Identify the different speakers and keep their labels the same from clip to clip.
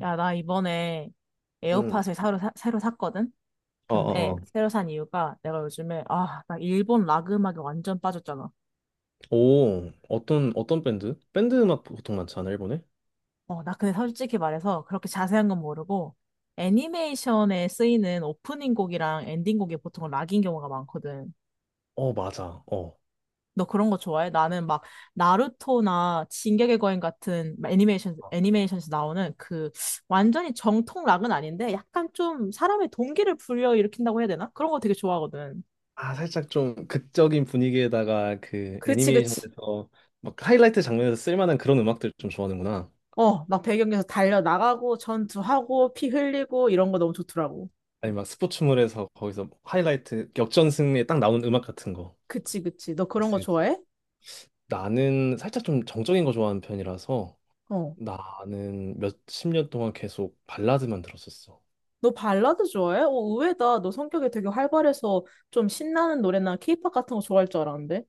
Speaker 1: 야, 나 이번에
Speaker 2: 응.
Speaker 1: 에어팟을 새로 샀거든?
Speaker 2: 아, 아,
Speaker 1: 근데
Speaker 2: 아.
Speaker 1: 새로 산 이유가 내가 요즘에, 나 일본 락 음악에 완전 빠졌잖아.
Speaker 2: 오, 어떤 밴드? 밴드 음악 보통 많지 않아, 일본에?
Speaker 1: 나 근데 솔직히 말해서 그렇게 자세한 건 모르고 애니메이션에 쓰이는 오프닝 곡이랑 엔딩 곡이 보통 락인 경우가 많거든.
Speaker 2: 어, 맞아. 어.
Speaker 1: 너 그런 거 좋아해? 나는 막 나루토나 진격의 거인 같은 애니메이션에서 나오는 그 완전히 정통 락은 아닌데 약간 좀 사람의 동기를 불러일으킨다고 해야 되나? 그런 거 되게 좋아하거든.
Speaker 2: 아, 살짝 좀 극적인 분위기에다가 그
Speaker 1: 그치, 그치.
Speaker 2: 애니메이션에서 막 하이라이트 장면에서 쓸만한 그런 음악들 좀 좋아하는구나.
Speaker 1: 어, 막 배경에서 달려 나가고 전투하고 피 흘리고 이런 거 너무 좋더라고.
Speaker 2: 아니, 막 스포츠물에서 거기서 뭐 하이라이트 역전 승리에 딱 나온 음악 같은 거.
Speaker 1: 그치, 그치. 너 그런
Speaker 2: 그치,
Speaker 1: 거
Speaker 2: 그치.
Speaker 1: 좋아해?
Speaker 2: 나는 살짝 좀 정적인 거 좋아하는 편이라서
Speaker 1: 어.
Speaker 2: 나는 몇 십 년 동안 계속 발라드만 들었었어.
Speaker 1: 너 발라드 좋아해? 어, 의외다. 너 성격이 되게 활발해서 좀 신나는 노래나 케이팝 같은 거 좋아할 줄 알았는데.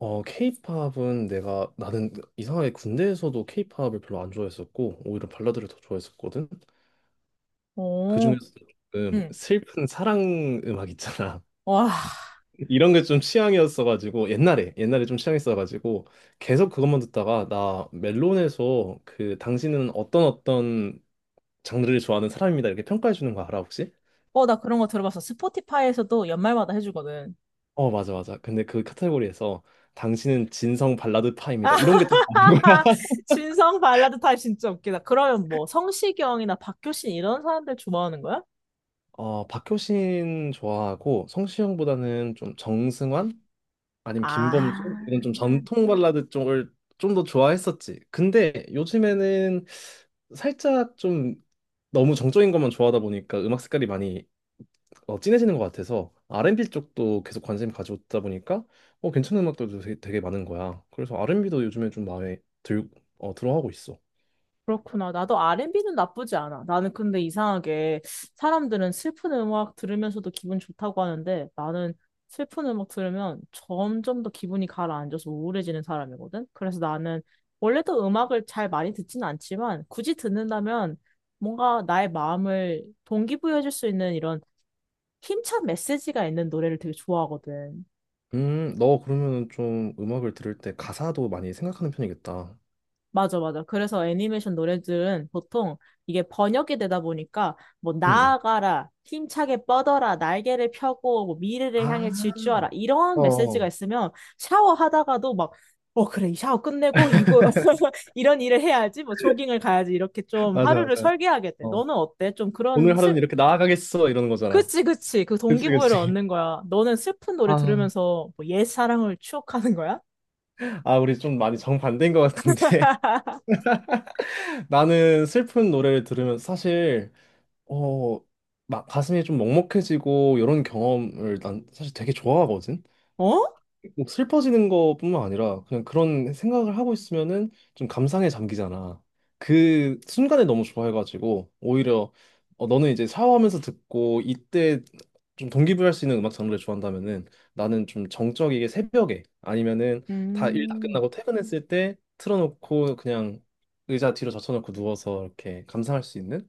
Speaker 2: 어, 케이팝은 내가 나는 이상하게 군대에서도 케이팝을 별로 안 좋아했었고 오히려 발라드를 더 좋아했었거든.
Speaker 1: 오,
Speaker 2: 그중에서 조금
Speaker 1: 응.
Speaker 2: 슬픈 사랑 음악 있잖아.
Speaker 1: 와.
Speaker 2: 이런 게 좀 취향이었어가지고 옛날에 좀 취향이었어가지고 계속 그것만 듣다가 나 멜론에서 그 당신은 어떤 장르를 좋아하는 사람입니다 이렇게 평가해 주는 거 알아 혹시?
Speaker 1: 어, 나 그런 거 들어봤어. 스포티파이에서도 연말마다 해주거든.
Speaker 2: 어 맞아 맞아. 근데 그 카테고리에서 당신은 진성 발라드 파입니다 이런 게 좀 나온 거야.
Speaker 1: 진성 발라드 타입 진짜 웃기다. 그러면 뭐 성시경이나 박효신 이런 사람들 좋아하는 거야?
Speaker 2: 어, 박효신 좋아하고 성시경보다는 좀 정승환 아니면 김범수
Speaker 1: 아.
Speaker 2: 이런 좀 전통 발라드 쪽을 좀 더 좋아했었지. 근데 요즘에는 살짝 좀 너무 정적인 것만 좋아하다 보니까 음악 색깔이 많이 진해지는 것 같아서 R&B 쪽도 계속 관심 가져오다 보니까 괜찮은 음악들도 되게 많은 거야. 그래서 R&B도 요즘에 좀 마음에 들어하고 있어.
Speaker 1: 그렇구나. 나도 R&B는 나쁘지 않아. 나는 근데 이상하게 사람들은 슬픈 음악 들으면서도 기분 좋다고 하는데 나는 슬픈 음악 들으면 점점 더 기분이 가라앉아서 우울해지는 사람이거든. 그래서 나는 원래도 음악을 잘 많이 듣진 않지만 굳이 듣는다면 뭔가 나의 마음을 동기부여해줄 수 있는 이런 힘찬 메시지가 있는 노래를 되게 좋아하거든.
Speaker 2: 너 그러면은 좀 음악을 들을 때 가사도 많이 생각하는 편이겠다.
Speaker 1: 맞아, 맞아. 그래서 애니메이션 노래들은 보통 이게 번역이 되다 보니까 뭐
Speaker 2: 응. 응.
Speaker 1: 나아가라, 힘차게 뻗어라, 날개를 펴고 뭐 미래를 향해 질주하라
Speaker 2: 아,
Speaker 1: 이런
Speaker 2: 어,
Speaker 1: 메시지가
Speaker 2: 어.
Speaker 1: 있으면 샤워하다가도 막 어, 그래, 이 샤워 끝내고 이거 이런 일을 해야지, 뭐 조깅을 가야지 이렇게 좀
Speaker 2: 맞아,
Speaker 1: 하루를
Speaker 2: 맞아.
Speaker 1: 설계하겠대.
Speaker 2: 어.
Speaker 1: 너는 어때? 좀 그런
Speaker 2: 오늘 하루는
Speaker 1: 슬
Speaker 2: 이렇게 나아가겠어, 이러는 거잖아.
Speaker 1: 그치, 그치. 그
Speaker 2: 그치,
Speaker 1: 동기부여를
Speaker 2: 그치.
Speaker 1: 얻는 거야. 너는 슬픈 노래
Speaker 2: 아,
Speaker 1: 들으면서 뭐 옛사랑을 추억하는 거야?
Speaker 2: 아, 우리 좀 많이 정반대인 것 같은데. 나는 슬픈 노래를 들으면 사실, 어, 막 가슴이 좀 먹먹해지고, 이런 경험을 난 사실 되게 좋아하거든.
Speaker 1: 어?
Speaker 2: 뭐 슬퍼지는 것뿐만 아니라 그냥 그런 생각을 하고 있으면은 좀 감상에 잠기잖아. 그 순간에 너무 좋아해가지고 오히려 너는 이제 샤워하면서 듣고 이때 좀 동기부여할 수 있는 음악 장르를 좋아한다면은 나는 좀 정적이게 새벽에 아니면은 다 일 다
Speaker 1: 음.
Speaker 2: 끝나고 퇴근했을 때 틀어놓고 그냥 의자 뒤로 젖혀놓고 누워서 이렇게 감상할 수 있는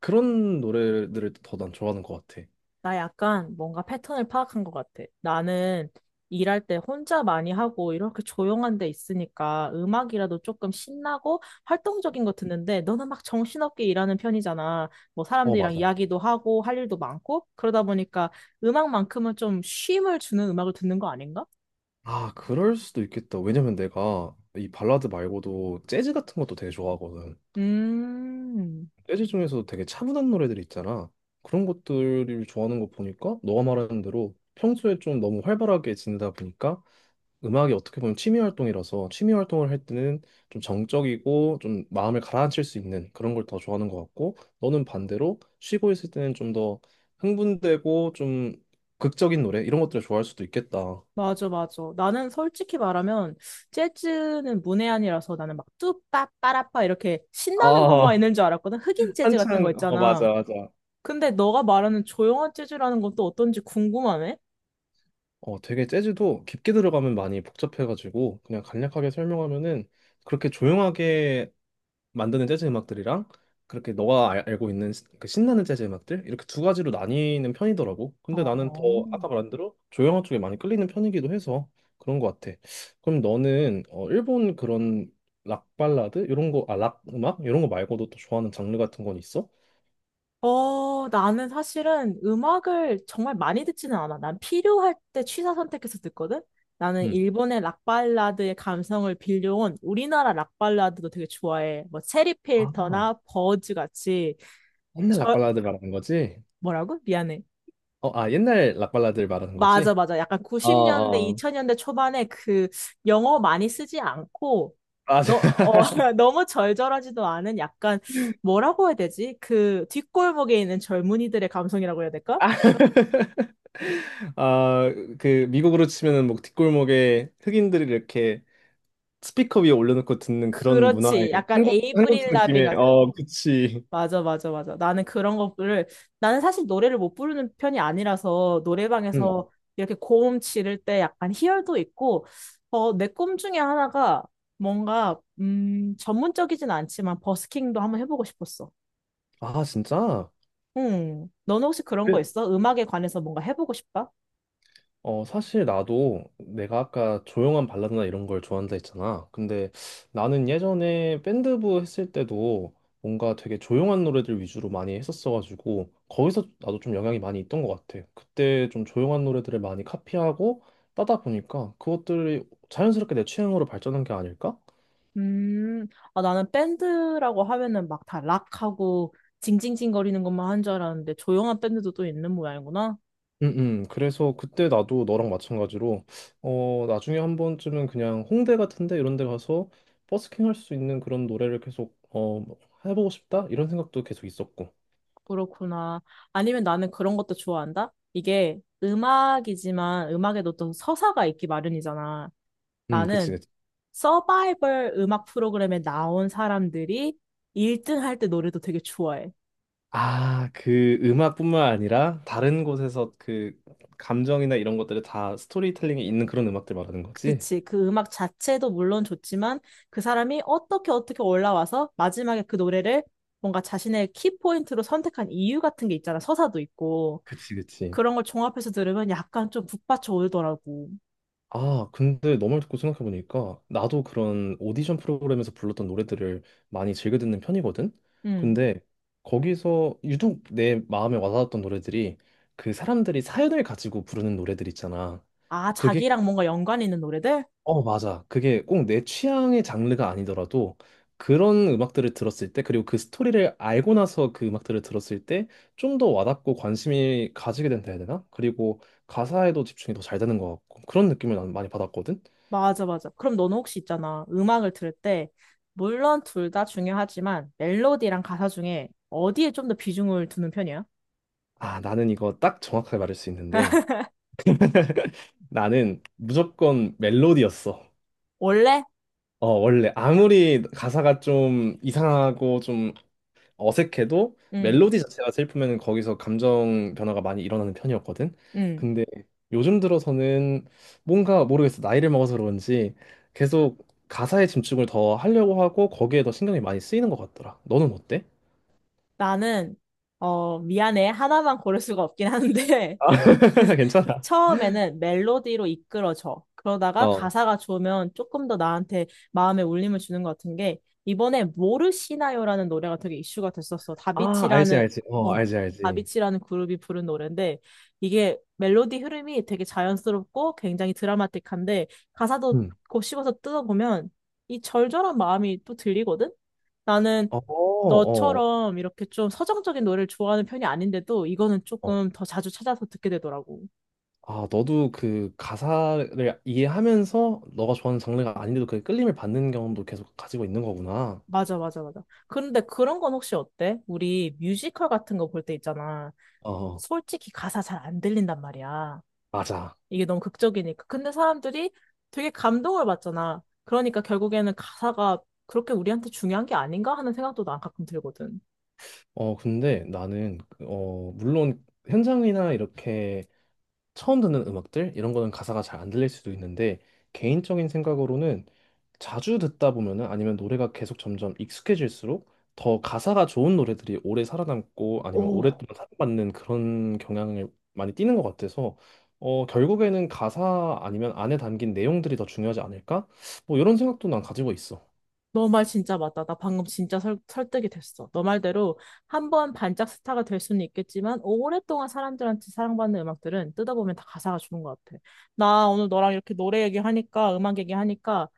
Speaker 2: 그런 노래들을 더 난 좋아하는 것 같아.
Speaker 1: 나 약간 뭔가 패턴을 파악한 것 같아. 나는 일할 때 혼자 많이 하고 이렇게 조용한 데 있으니까 음악이라도 조금 신나고 활동적인 거 듣는데 너는 막 정신없게 일하는 편이잖아. 뭐
Speaker 2: 어,
Speaker 1: 사람들이랑
Speaker 2: 맞아.
Speaker 1: 이야기도 하고 할 일도 많고 그러다 보니까 음악만큼은 좀 쉼을 주는 음악을 듣는 거 아닌가?
Speaker 2: 아, 그럴 수도 있겠다. 왜냐면 내가 이 발라드 말고도 재즈 같은 것도 되게 좋아하거든.
Speaker 1: 음.
Speaker 2: 재즈 중에서도 되게 차분한 노래들 있잖아. 그런 것들을 좋아하는 거 보니까 너가 말하는 대로 평소에 좀 너무 활발하게 지내다 보니까 음악이 어떻게 보면 취미 활동이라서 취미 활동을 할 때는 좀 정적이고 좀 마음을 가라앉힐 수 있는 그런 걸 더 좋아하는 것 같고 너는 반대로 쉬고 있을 때는 좀 더 흥분되고 좀 극적인 노래 이런 것들을 좋아할 수도 있겠다.
Speaker 1: 맞아, 맞아. 나는 솔직히 말하면 재즈는 문외한이라서 나는 막 뚜빠 빠라빠 이렇게 신나는
Speaker 2: 아,
Speaker 1: 것만 있는 줄 알았거든. 흑인 재즈 같은 거
Speaker 2: 한창, 어,
Speaker 1: 있잖아.
Speaker 2: 맞아, 맞아.
Speaker 1: 근데 너가 말하는 조용한 재즈라는 건 또 어떤지 궁금하네?
Speaker 2: 되게 재즈도 깊게 들어가면 많이 복잡해가지고 그냥 간략하게 설명하면은 그렇게 조용하게 만드는 재즈 음악들이랑 그렇게 너가 알, 고 있는 그 신나는 재즈 음악들 이렇게 두 가지로 나뉘는 편이더라고. 근데 나는 더
Speaker 1: 어,
Speaker 2: 아까 말한 대로 조용한 쪽에 많이 끌리는 편이기도 해서 그런 것 같아. 그럼 너는 일본 그런 락 발라드 이런 거, 락 음악 이런 거 말고도 또 좋아하는 장르 같은 건 있어?
Speaker 1: 나는 사실은 음악을 정말 많이 듣지는 않아. 난 필요할 때 취사 선택해서 듣거든? 나는
Speaker 2: 응.
Speaker 1: 일본의 락발라드의 감성을 빌려온 우리나라 락발라드도 되게 좋아해. 뭐, 체리
Speaker 2: 아,
Speaker 1: 필터나 버즈 같이,
Speaker 2: 옛날 락
Speaker 1: 저..
Speaker 2: 발라드 말하는 거지?
Speaker 1: 뭐라고? 미안해.
Speaker 2: 옛날 락 발라드를 말하는
Speaker 1: 맞아,
Speaker 2: 거지?
Speaker 1: 맞아. 약간
Speaker 2: 어,
Speaker 1: 90년대,
Speaker 2: 어.
Speaker 1: 2000년대 초반에 그 영어 많이 쓰지 않고,
Speaker 2: 아,
Speaker 1: 너, 어, 너무 절절하지도 않은 약간, 뭐라고 해야 되지? 그 뒷골목에 있는 젊은이들의 감성이라고 해야 될까?
Speaker 2: 아, 그 미국으로 치면은 뭐 뒷골목에 흑인들이 이렇게 스피커 위에 올려놓고 듣는 그런
Speaker 1: 그렇지.
Speaker 2: 문화의
Speaker 1: 약간
Speaker 2: 한국
Speaker 1: 에이브릴 라빈
Speaker 2: 느낌의 그치.
Speaker 1: 맞아, 맞아, 맞아. 나는 그런 거를, 나는 사실 노래를 못 부르는 편이 아니라서
Speaker 2: 음.
Speaker 1: 노래방에서 이렇게 고음 지를 때 약간 희열도 있고, 어, 내 꿈 중에 하나가 뭔가, 전문적이진 않지만 버스킹도 한번 해보고 싶었어.
Speaker 2: 아 진짜?
Speaker 1: 응. 너는 혹시 그런 거 있어? 음악에 관해서 뭔가 해보고 싶다?
Speaker 2: 어, 사실 나도 내가 아까 조용한 발라드나 이런 걸 좋아한다 했잖아. 근데 나는 예전에 밴드부 했을 때도 뭔가 되게 조용한 노래들 위주로 많이 했었어가지고 거기서 나도 좀 영향이 많이 있던 것 같아. 그때 좀 조용한 노래들을 많이 카피하고 따다 보니까 그것들이 자연스럽게 내 취향으로 발전한 게 아닐까?
Speaker 1: 음, 나는 밴드라고 하면은 막 다 락하고 징징징거리는 것만 한 줄 알았는데 조용한 밴드도 또 있는 모양이구나.
Speaker 2: 음, 그래서 그때 나도 너랑 마찬가지로 나중에 한 번쯤은 그냥 홍대 같은데 이런 데 가서 버스킹 할 수 있는 그런 노래를 계속 뭐 해보고 싶다 이런 생각도 계속 있었고.
Speaker 1: 그렇구나. 아니면 나는 그런 것도 좋아한다? 이게 음악이지만 음악에도 또 서사가 있기 마련이잖아.
Speaker 2: 그치,
Speaker 1: 나는
Speaker 2: 그치.
Speaker 1: 서바이벌 음악 프로그램에 나온 사람들이 1등 할 때 노래도 되게 좋아해.
Speaker 2: 아, 그 음악뿐만 아니라 다른 곳에서 그 감정이나 이런 것들을 다 스토리텔링이 있는 그런 음악들 말하는 거지?
Speaker 1: 그치. 그 음악 자체도 물론 좋지만 그 사람이 어떻게 어떻게 올라와서 마지막에 그 노래를 뭔가 자신의 키포인트로 선택한 이유 같은 게 있잖아. 서사도 있고.
Speaker 2: 그치, 그치.
Speaker 1: 그런 걸 종합해서 들으면 약간 좀 북받쳐 오더라고.
Speaker 2: 아, 근데 너 말 듣고 생각해보니까 나도 그런 오디션 프로그램에서 불렀던 노래들을 많이 즐겨 듣는 편이거든? 근데 거기서 유독 내 마음에 와닿았던 노래들이 그 사람들이 사연을 가지고 부르는 노래들 있잖아.
Speaker 1: 아,
Speaker 2: 그게,
Speaker 1: 자기랑 뭔가 연관 있는 노래들?
Speaker 2: 어, 맞아. 그게 꼭 내 취향의 장르가 아니더라도 그런 음악들을 들었을 때, 그리고 그 스토리를 알고 나서 그 음악들을 들었을 때 좀 더 와닿고 관심이 가지게 된다 해야 되나? 그리고 가사에도 집중이 더 잘 되는 것 같고 그런 느낌을 난 많이 받았거든?
Speaker 1: 맞아, 맞아. 그럼 너는 혹시 있잖아. 음악을 들을 때, 물론 둘 다 중요하지만, 멜로디랑 가사 중에 어디에 좀 더 비중을 두는 편이야?
Speaker 2: 아, 나는 이거 딱 정확하게 말할 수 있는데 나는 무조건 멜로디였어.
Speaker 1: 원래?
Speaker 2: 어, 원래 아무리 가사가 좀 이상하고 좀 어색해도
Speaker 1: 응,
Speaker 2: 멜로디 자체가 슬프면 거기서 감정 변화가 많이 일어나는 편이었거든.
Speaker 1: 응.
Speaker 2: 근데 요즘 들어서는 뭔가 모르겠어. 나이를 먹어서 그런지 계속 가사에 집중을 더 하려고 하고 거기에 더 신경이 많이 쓰이는 것 같더라. 너는 어때?
Speaker 1: 나는, 미안해. 하나만 고를 수가 없긴 한데,
Speaker 2: 괜찮아.
Speaker 1: 처음에는 멜로디로 이끌어져. 그러다가
Speaker 2: 어.
Speaker 1: 가사가 좋으면 조금 더 나한테 마음에 울림을 주는 것 같은 게 이번에 모르시나요라는 노래가 되게 이슈가 됐었어.
Speaker 2: 아, 알지, 알지. 어,
Speaker 1: 어
Speaker 2: 알지, 알지.
Speaker 1: 다비치라는 그룹이 부른 노래인데 이게 멜로디 흐름이 되게 자연스럽고 굉장히 드라마틱한데 가사도
Speaker 2: 음.
Speaker 1: 곱씹어서 뜯어보면 이 절절한 마음이 또 들리거든. 나는
Speaker 2: 어, 어,
Speaker 1: 너처럼 이렇게 좀 서정적인 노래를 좋아하는 편이 아닌데도 이거는
Speaker 2: 어.
Speaker 1: 조금 더 자주 찾아서 듣게 되더라고.
Speaker 2: 아, 너도 그 가사를 이해하면서 너가 좋아하는 장르가 아닌데도 그 끌림을 받는 경험도 계속 가지고 있는 거구나.
Speaker 1: 맞아, 맞아, 맞아. 그런데 그런 건 혹시 어때? 우리 뮤지컬 같은 거 볼 때 있잖아.
Speaker 2: 어,
Speaker 1: 솔직히 가사 잘 안 들린단 말이야.
Speaker 2: 맞아.
Speaker 1: 이게 너무 극적이니까. 근데 사람들이 되게 감동을 받잖아. 그러니까 결국에는 가사가 그렇게 우리한테 중요한 게 아닌가 하는 생각도 난 가끔 들거든.
Speaker 2: 어, 근데 나는, 물론 현장이나 이렇게 처음 듣는 음악들 이런 거는 가사가 잘 안 들릴 수도 있는데 개인적인 생각으로는 자주 듣다 보면은 아니면 노래가 계속 점점 익숙해질수록 더 가사가 좋은 노래들이 오래 살아남고 아니면
Speaker 1: 오.
Speaker 2: 오랫동안 사랑받는 그런 경향을 많이 띠는 것 같아서 결국에는 가사 아니면 안에 담긴 내용들이 더 중요하지 않을까? 뭐 이런 생각도 난 가지고 있어.
Speaker 1: 너 말 진짜 맞다. 나 방금 진짜 설득이 됐어. 너 말대로 한 번 반짝 스타가 될 수는 있겠지만 오랫동안 사람들한테 사랑받는 음악들은 뜯어보면 다 가사가 주는 것 같아. 나 오늘 너랑 이렇게 노래 얘기하니까 음악 얘기하니까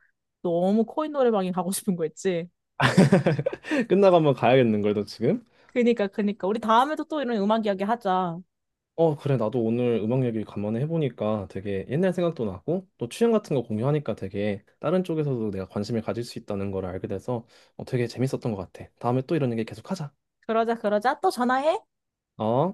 Speaker 1: 너무 코인 노래방에 가고 싶은 거 있지?
Speaker 2: 끝나고 한번 가야겠는 걸너 지금?
Speaker 1: 그니까 그니까 우리 다음에도 또 이런 음악 이야기 하자.
Speaker 2: 어, 그래. 나도 오늘 음악 얘기 간만에 해보니까 되게 옛날 생각도 나고 또 취향 같은 거 공유하니까 되게 다른 쪽에서도 내가 관심을 가질 수 있다는 걸 알게 돼서 되게 재밌었던 것 같아. 다음에 또 이런 얘기 계속 하자.
Speaker 1: 그러자 그러자 또 전화해.
Speaker 2: 어?